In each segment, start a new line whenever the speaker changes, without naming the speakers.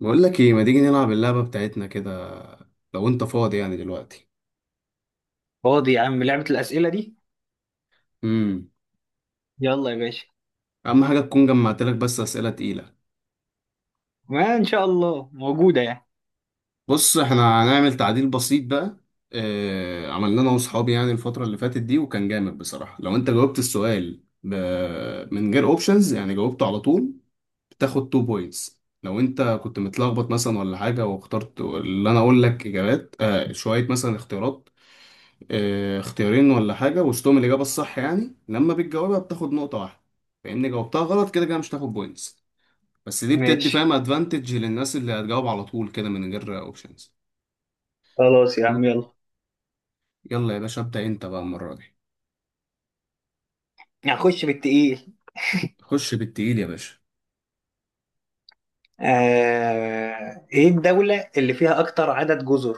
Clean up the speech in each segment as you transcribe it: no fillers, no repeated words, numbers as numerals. بقول لك ايه، ما تيجي نلعب اللعبة بتاعتنا كده لو انت فاضي يعني دلوقتي؟
فاضي يا عم، لعبة الأسئلة دي.
امم
يلا يا باشا.
اهم حاجة تكون جمعت لك بس أسئلة تقيلة.
ما إن شاء الله موجودة يعني.
بص احنا هنعمل تعديل بسيط بقى. اه، عملنا انا واصحابي يعني الفترة اللي فاتت دي وكان جامد بصراحة. لو انت جاوبت السؤال من غير اوبشنز يعني جاوبته على طول بتاخد 2 بوينتس. لو انت كنت متلخبط مثلا ولا حاجة واخترت اللي انا اقول لك، اجابات شوية مثلا، اختيارات اختيارين ولا حاجة وسطهم الإجابة الصح، يعني لما بتجاوبها بتاخد نقطة واحدة. فإن جاوبتها غلط كده كده مش هتاخد بوينتس. بس دي بتدي
ماشي،
فاهم أدفانتج للناس اللي هتجاوب على طول كده من غير أوبشنز.
خلاص يا
يلا.
عم، يلا.
يلا يا باشا، ابدأ أنت بقى المرة دي.
هخش بالتقيل.
خش بالتقيل يا باشا.
إيه الدولة اللي فيها أكتر عدد جزر؟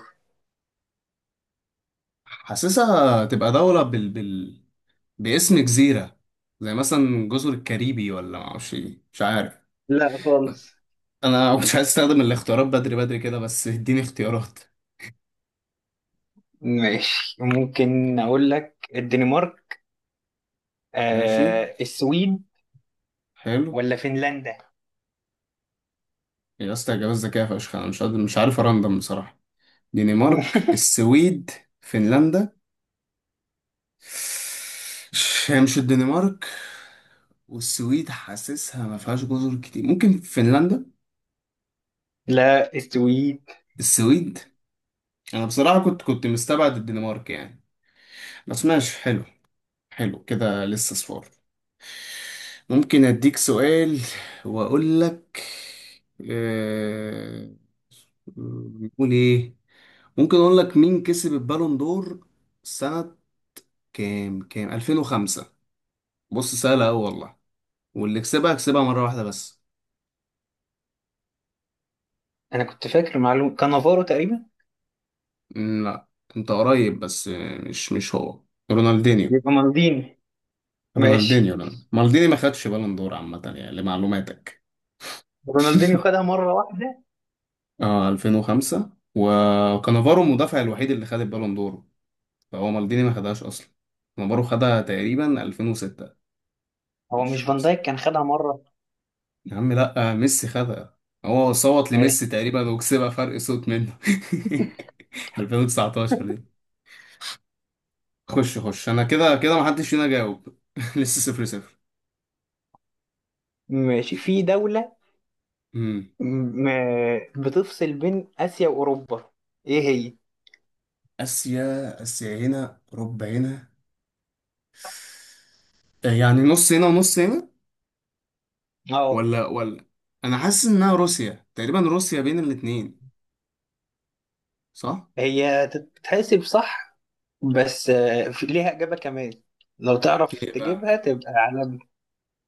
حاسسها تبقى دولة باسم جزيرة، زي مثلا جزر الكاريبي ولا معرفش إيه، مش عارف.
لا خالص.
أنا مش عايز أستخدم الاختيارات بدري بدري كده، بس اديني اختيارات.
ماشي، ممكن أقول لك الدنمارك.
ماشي،
السويد
حلو.
ولا فنلندا؟
يا اسطى اجابات ذكيه فشخ، انا مش قادر، مش عارف ارندم بصراحه. دنمارك، السويد، فنلندا. هي مش الدنمارك، والسويد حاسسها ما فيهاش جزر كتير، ممكن فنلندا.
لا، السويد.
السويد. انا بصراحه كنت مستبعد الدنمارك يعني، بس ماشي حلو. حلو كده، لسه صفار. ممكن اديك سؤال واقول لك. آه، نقول ايه؟ ممكن اقول لك مين كسب البالون دور سنة كام 2005. بص سهلة أوي والله، واللي كسبها كسبها مرة واحدة بس.
أنا كنت فاكر معلومة كانافارو تقريبا.
مم، لا. أنت قريب بس مش هو. رونالدينيو.
يبقى مالديني.
رونالدينيو
ماشي.
لا، مالديني ما خدش بالون دور عامة يعني لمعلوماتك.
رونالدينيو خدها مرة واحدة.
اه 2005، وكانافارو المدافع الوحيد اللي خد البالون دور، فهو مالديني ما خدهاش أصلا. كانافارو خدها تقريبا 2006.
هو
مش
مش فان
خمسة.
دايك كان خدها مرة؟
يا عم لا، ميسي خدها. هو صوت لميسي تقريبا وكسبها فرق صوت منه. 2019. خش خش، انا كده كده محدش فينا جاوب. لسه صفر صفر.
ماشي، في دولة
امم
م- بتفصل بين آسيا وأوروبا، إيه هي؟
اسيا، اسيا هنا ربع هنا، يعني نص هنا ونص هنا.
اه.
ولا انا حاسس انها روسيا تقريبا، روسيا بين الاتنين، صح.
هي تتحسب صح، بس في ليها إجابة كمان، لو تعرف
ايه بقى؟
تجيبها تبقى على.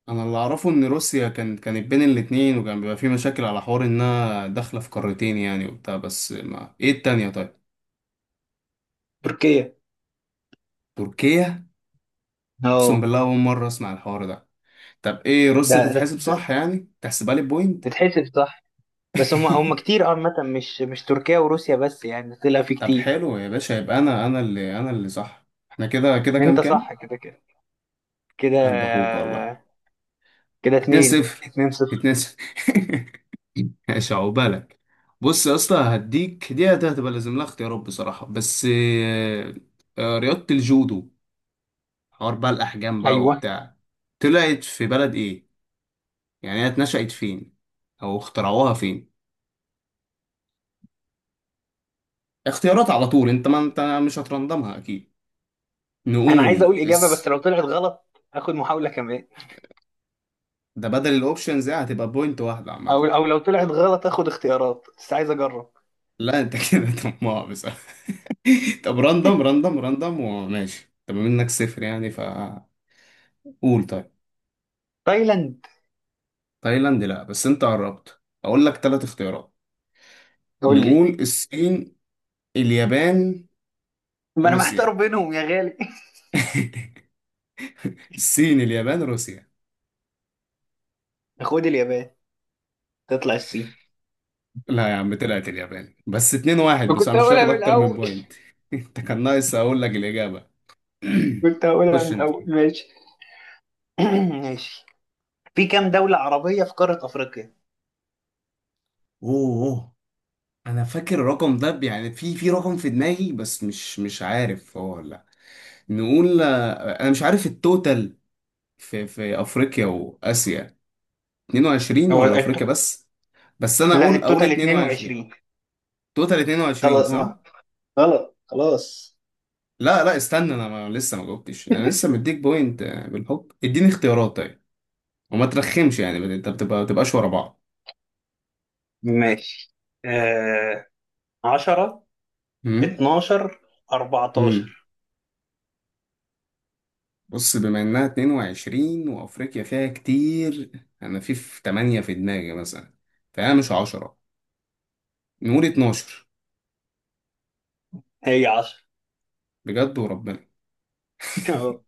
انا اللي اعرفه ان روسيا كانت بين الاتنين وكان بيبقى في مشاكل على حوار انها داخله في قارتين يعني وبتاع، بس ما ايه التانية طيب؟
تركيا.
تركيا. اقسم
اه.
بالله اول مره اسمع الحوار ده. طب ايه روسيا تتحسب
ده
صح يعني، تحسبها لي بوينت.
تتحسب صح. بس هم كتير، عامة مش تركيا وروسيا بس يعني، طلع في
طب
كتير.
حلو يا باشا، يبقى انا اللي صح. احنا كده كده كام
أنت صح
كام
كده كده. كده
قلب اخوك والله.
كده
2
اتنين
0.
اتنين صفر.
2 0. ماشي، عقبالك. بص يا اسطى، هديك دي هتبقى لازم لها اختيارات بصراحة، بس رياضة الجودو، حوار بقى الأحجام بقى
أيوه.
وبتاع، طلعت في بلد إيه؟ يعني هي اتنشأت فين؟ أو اخترعوها فين؟ اختيارات على طول، أنت ما أنت مش هترندمها أكيد.
أنا عايز
نقول
أقول إجابة، بس
اس
لو طلعت غلط آخد محاولة كمان.
ده بدل الأوبشنز، دي هتبقى بوينت واحدة
او
عامة.
او لو طلعت غلط اخد اختيارات، بس عايز اجرب.
لا انت كده طماع بصراحة. طب راندم راندم راندم وماشي، طب منك صفر يعني فقول. طيب.
تايلاند.
تايلاند لا، بس انت قربت، اقول لك ثلاث اختيارات.
قول لي.
نقول الصين، اليابان،
ما انا محتار
روسيا.
بينهم يا غالي.
الصين، اليابان، روسيا.
خد اليابان، تطلع الصين.
لا يا عم، طلعت اليابان، بس اتنين واحد، بس
وكنت
مش
هقولها
هتاخد
من
اكتر من
الاول.
بوينت. انت كان ناقص اقول لك الاجابة.
كنت هقولها من
خش انت.
الاول. ماشي. ماشي. في كام دولة عربية في قارة افريقيا؟
اوه اوه. انا فاكر الرقم ده يعني في رقم في دماغي، بس مش عارف هو ولا. نقول انا مش عارف التوتال في افريقيا واسيا، 22
هو
ولا
الت-
افريقيا بس. بس انا
لا،
اقول
التوتال
22.
22.
توتال 22
خلاص، ما
صح.
غلط خلاص.
لا لا استنى، انا ما لسه ما جاوبتش. انا لسه مديك بوينت، بالحب اديني اختيارات طيب، وما ترخمش يعني انت بتبقى، ما تبقاش ورا بعض.
ماشي، آه... 10،
امم
12،
امم
14.
بص، بما انها 22 وافريقيا فيها كتير، انا في 8 في دماغي مثلا، فانا مش 10، نقول 12.
هي 10.
بجد وربنا.
أهو.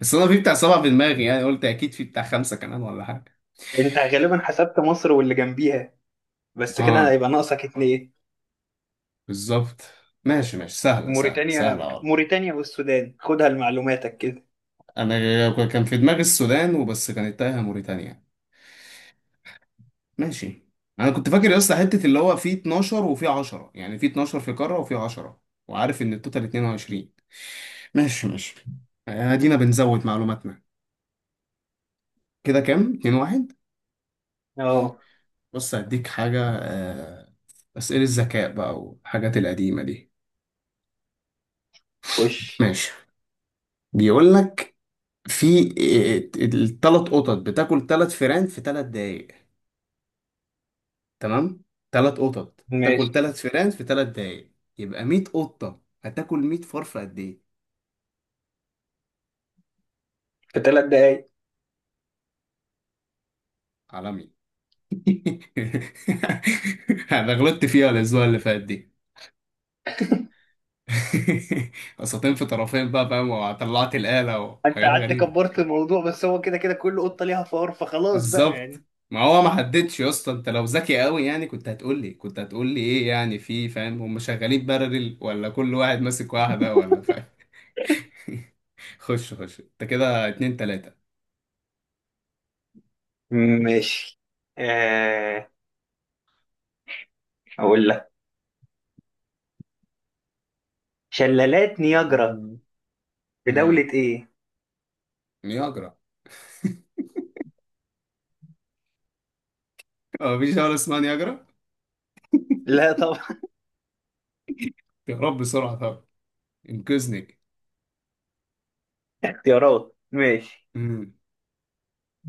بس انا في بتاع سبعة في دماغي يعني قلت اكيد في بتاع خمسة كمان ولا حاجة.
انت غالبا حسبت مصر واللي جنبيها، بس كده
اه
هيبقى ناقصك اتنين.
بالظبط. ماشي ماشي، سهلة سهلة
موريتانيا،
سهلة والله.
موريتانيا والسودان خدها لمعلوماتك كده.
انا كان في دماغي السودان وبس، كانت تايهة موريتانيا. ماشي. انا كنت فاكر يا اسطى حتة اللي هو في 12 وفي 10، يعني في 12 في قارة وفي 10، وعارف ان التوتال 22. ماشي ماشي. ادينا بنزود معلوماتنا. كده كام؟ 2 1.
اه.
بص هديك حاجة، أسئلة الذكاء بقى والحاجات القديمة دي.
وش.
ماشي. بيقول لك في الثلاث قطط بتاكل ثلاث فئران في ثلاث دقايق، تمام؟ ثلاث قطط
ماشي.
تاكل ثلاث فئران في ثلاث دقايق، يبقى 100 قطة هتاكل 100 فار في قد ايه؟
في 3 دقايق.
عالمي. انا غلطت فيها الاسبوع اللي فات دي. قسطين في طرفين بقى فاهم، وطلعت الآلة
انت
وحاجات
قعدت
غريبة.
كبرت الموضوع، بس هو كده كده كل قطة ليها فار، فخلاص بقى
بالظبط.
يعني.
ما هو ما حددش يا اسطى، انت لو ذكي قوي يعني كنت هتقول لي ايه يعني، في فاهم هم شغالين بارلل ولا كل واحد ماسك واحدة، ولا فاهم. خش خش انت، كده اتنين تلاتة.
ماشي. آه اقول لك شلالات نياجرا
اتنين.
في
امم
دولة ايه؟
نياجرا، هو مفيش دولة اسمها نياجرا.
لا طبعا.
يا رب بسرعة طب، انقذني.
اختيارات. ماشي،
امم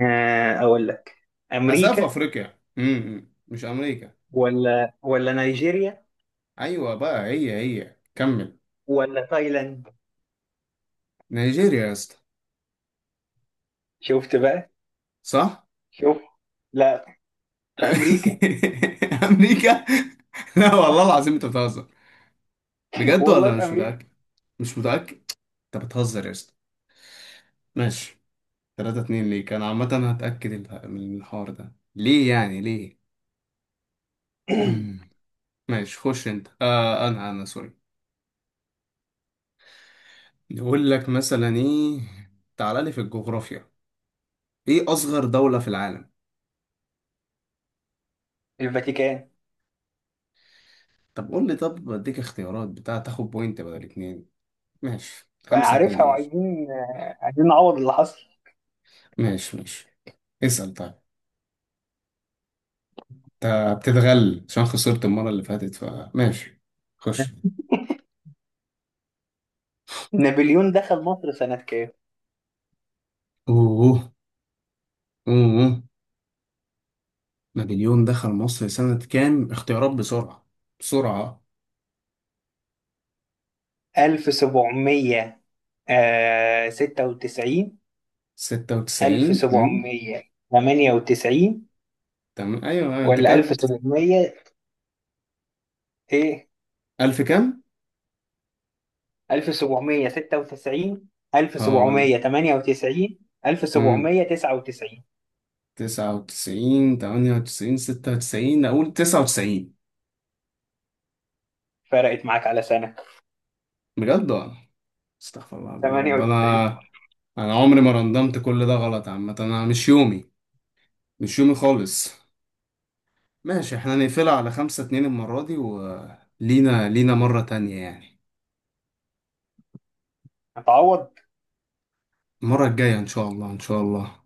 اقول لك
حاسها في
امريكا.
افريقيا، مش امريكا.
ولا نيجيريا،
ايوه بقى، هي هي كمل.
ولا تايلاند.
نيجيريا يا اسطى،
شفت بقى.
صح.
شوف. لا. في امريكا.
امريكا. لا والله العظيم انت بتهزر. بجد،
والله
ولا
في
مش
امريكا.
متأكد؟ مش متأكد. انت بتهزر يا اسطى. ماشي. 3 2 ليك، انا عامة هتأكد من الحوار ده ليه يعني ليه. مم. ماشي، خش انت. انا سوري. يقول لك مثلا ايه، تعال لي في الجغرافيا، ايه اصغر دولة في العالم؟
الفاتيكان.
طب قول لي، طب بديك اختيارات بتاع تاخد بوينت بدل اتنين. ماشي،
بقى
خمسة اتنين
عارفها،
يا باشا.
وعايزين، عايزين نعوض اللي حصل.
ماشي ماشي، اسأل طيب. انت بتتغل عشان خسرت المرة اللي فاتت، فماشي، خش.
نابليون دخل مصر سنة كام؟
اوه اوه. نابليون دخل مصر سنة كام؟ اختيارات بسرعة، بسرعة.
1796؟
ستة وتسعين.
1798؟
تمام ايوه ايوه انت
ولا
كابت.
1700؟ ايه،
ألف كام؟
1796،
اه.
1798،
امم
1799؟
تسعة وتسعين، تمانية وتسعين، ستة وتسعين، أقول تسعة وتسعين.
فرقت معاك على سنة.
بجد والله، استغفر الله العظيم يا رب. أنا،
98.
أنا عمري ما رندمت، كل ده غلط. عامة أنا مش يومي، مش يومي خالص. ماشي احنا نقفلها على خمسة اتنين المرة دي، ولينا مرة تانية يعني.
هتعوض.
المرة الجاية إن شاء الله، إن شاء الله.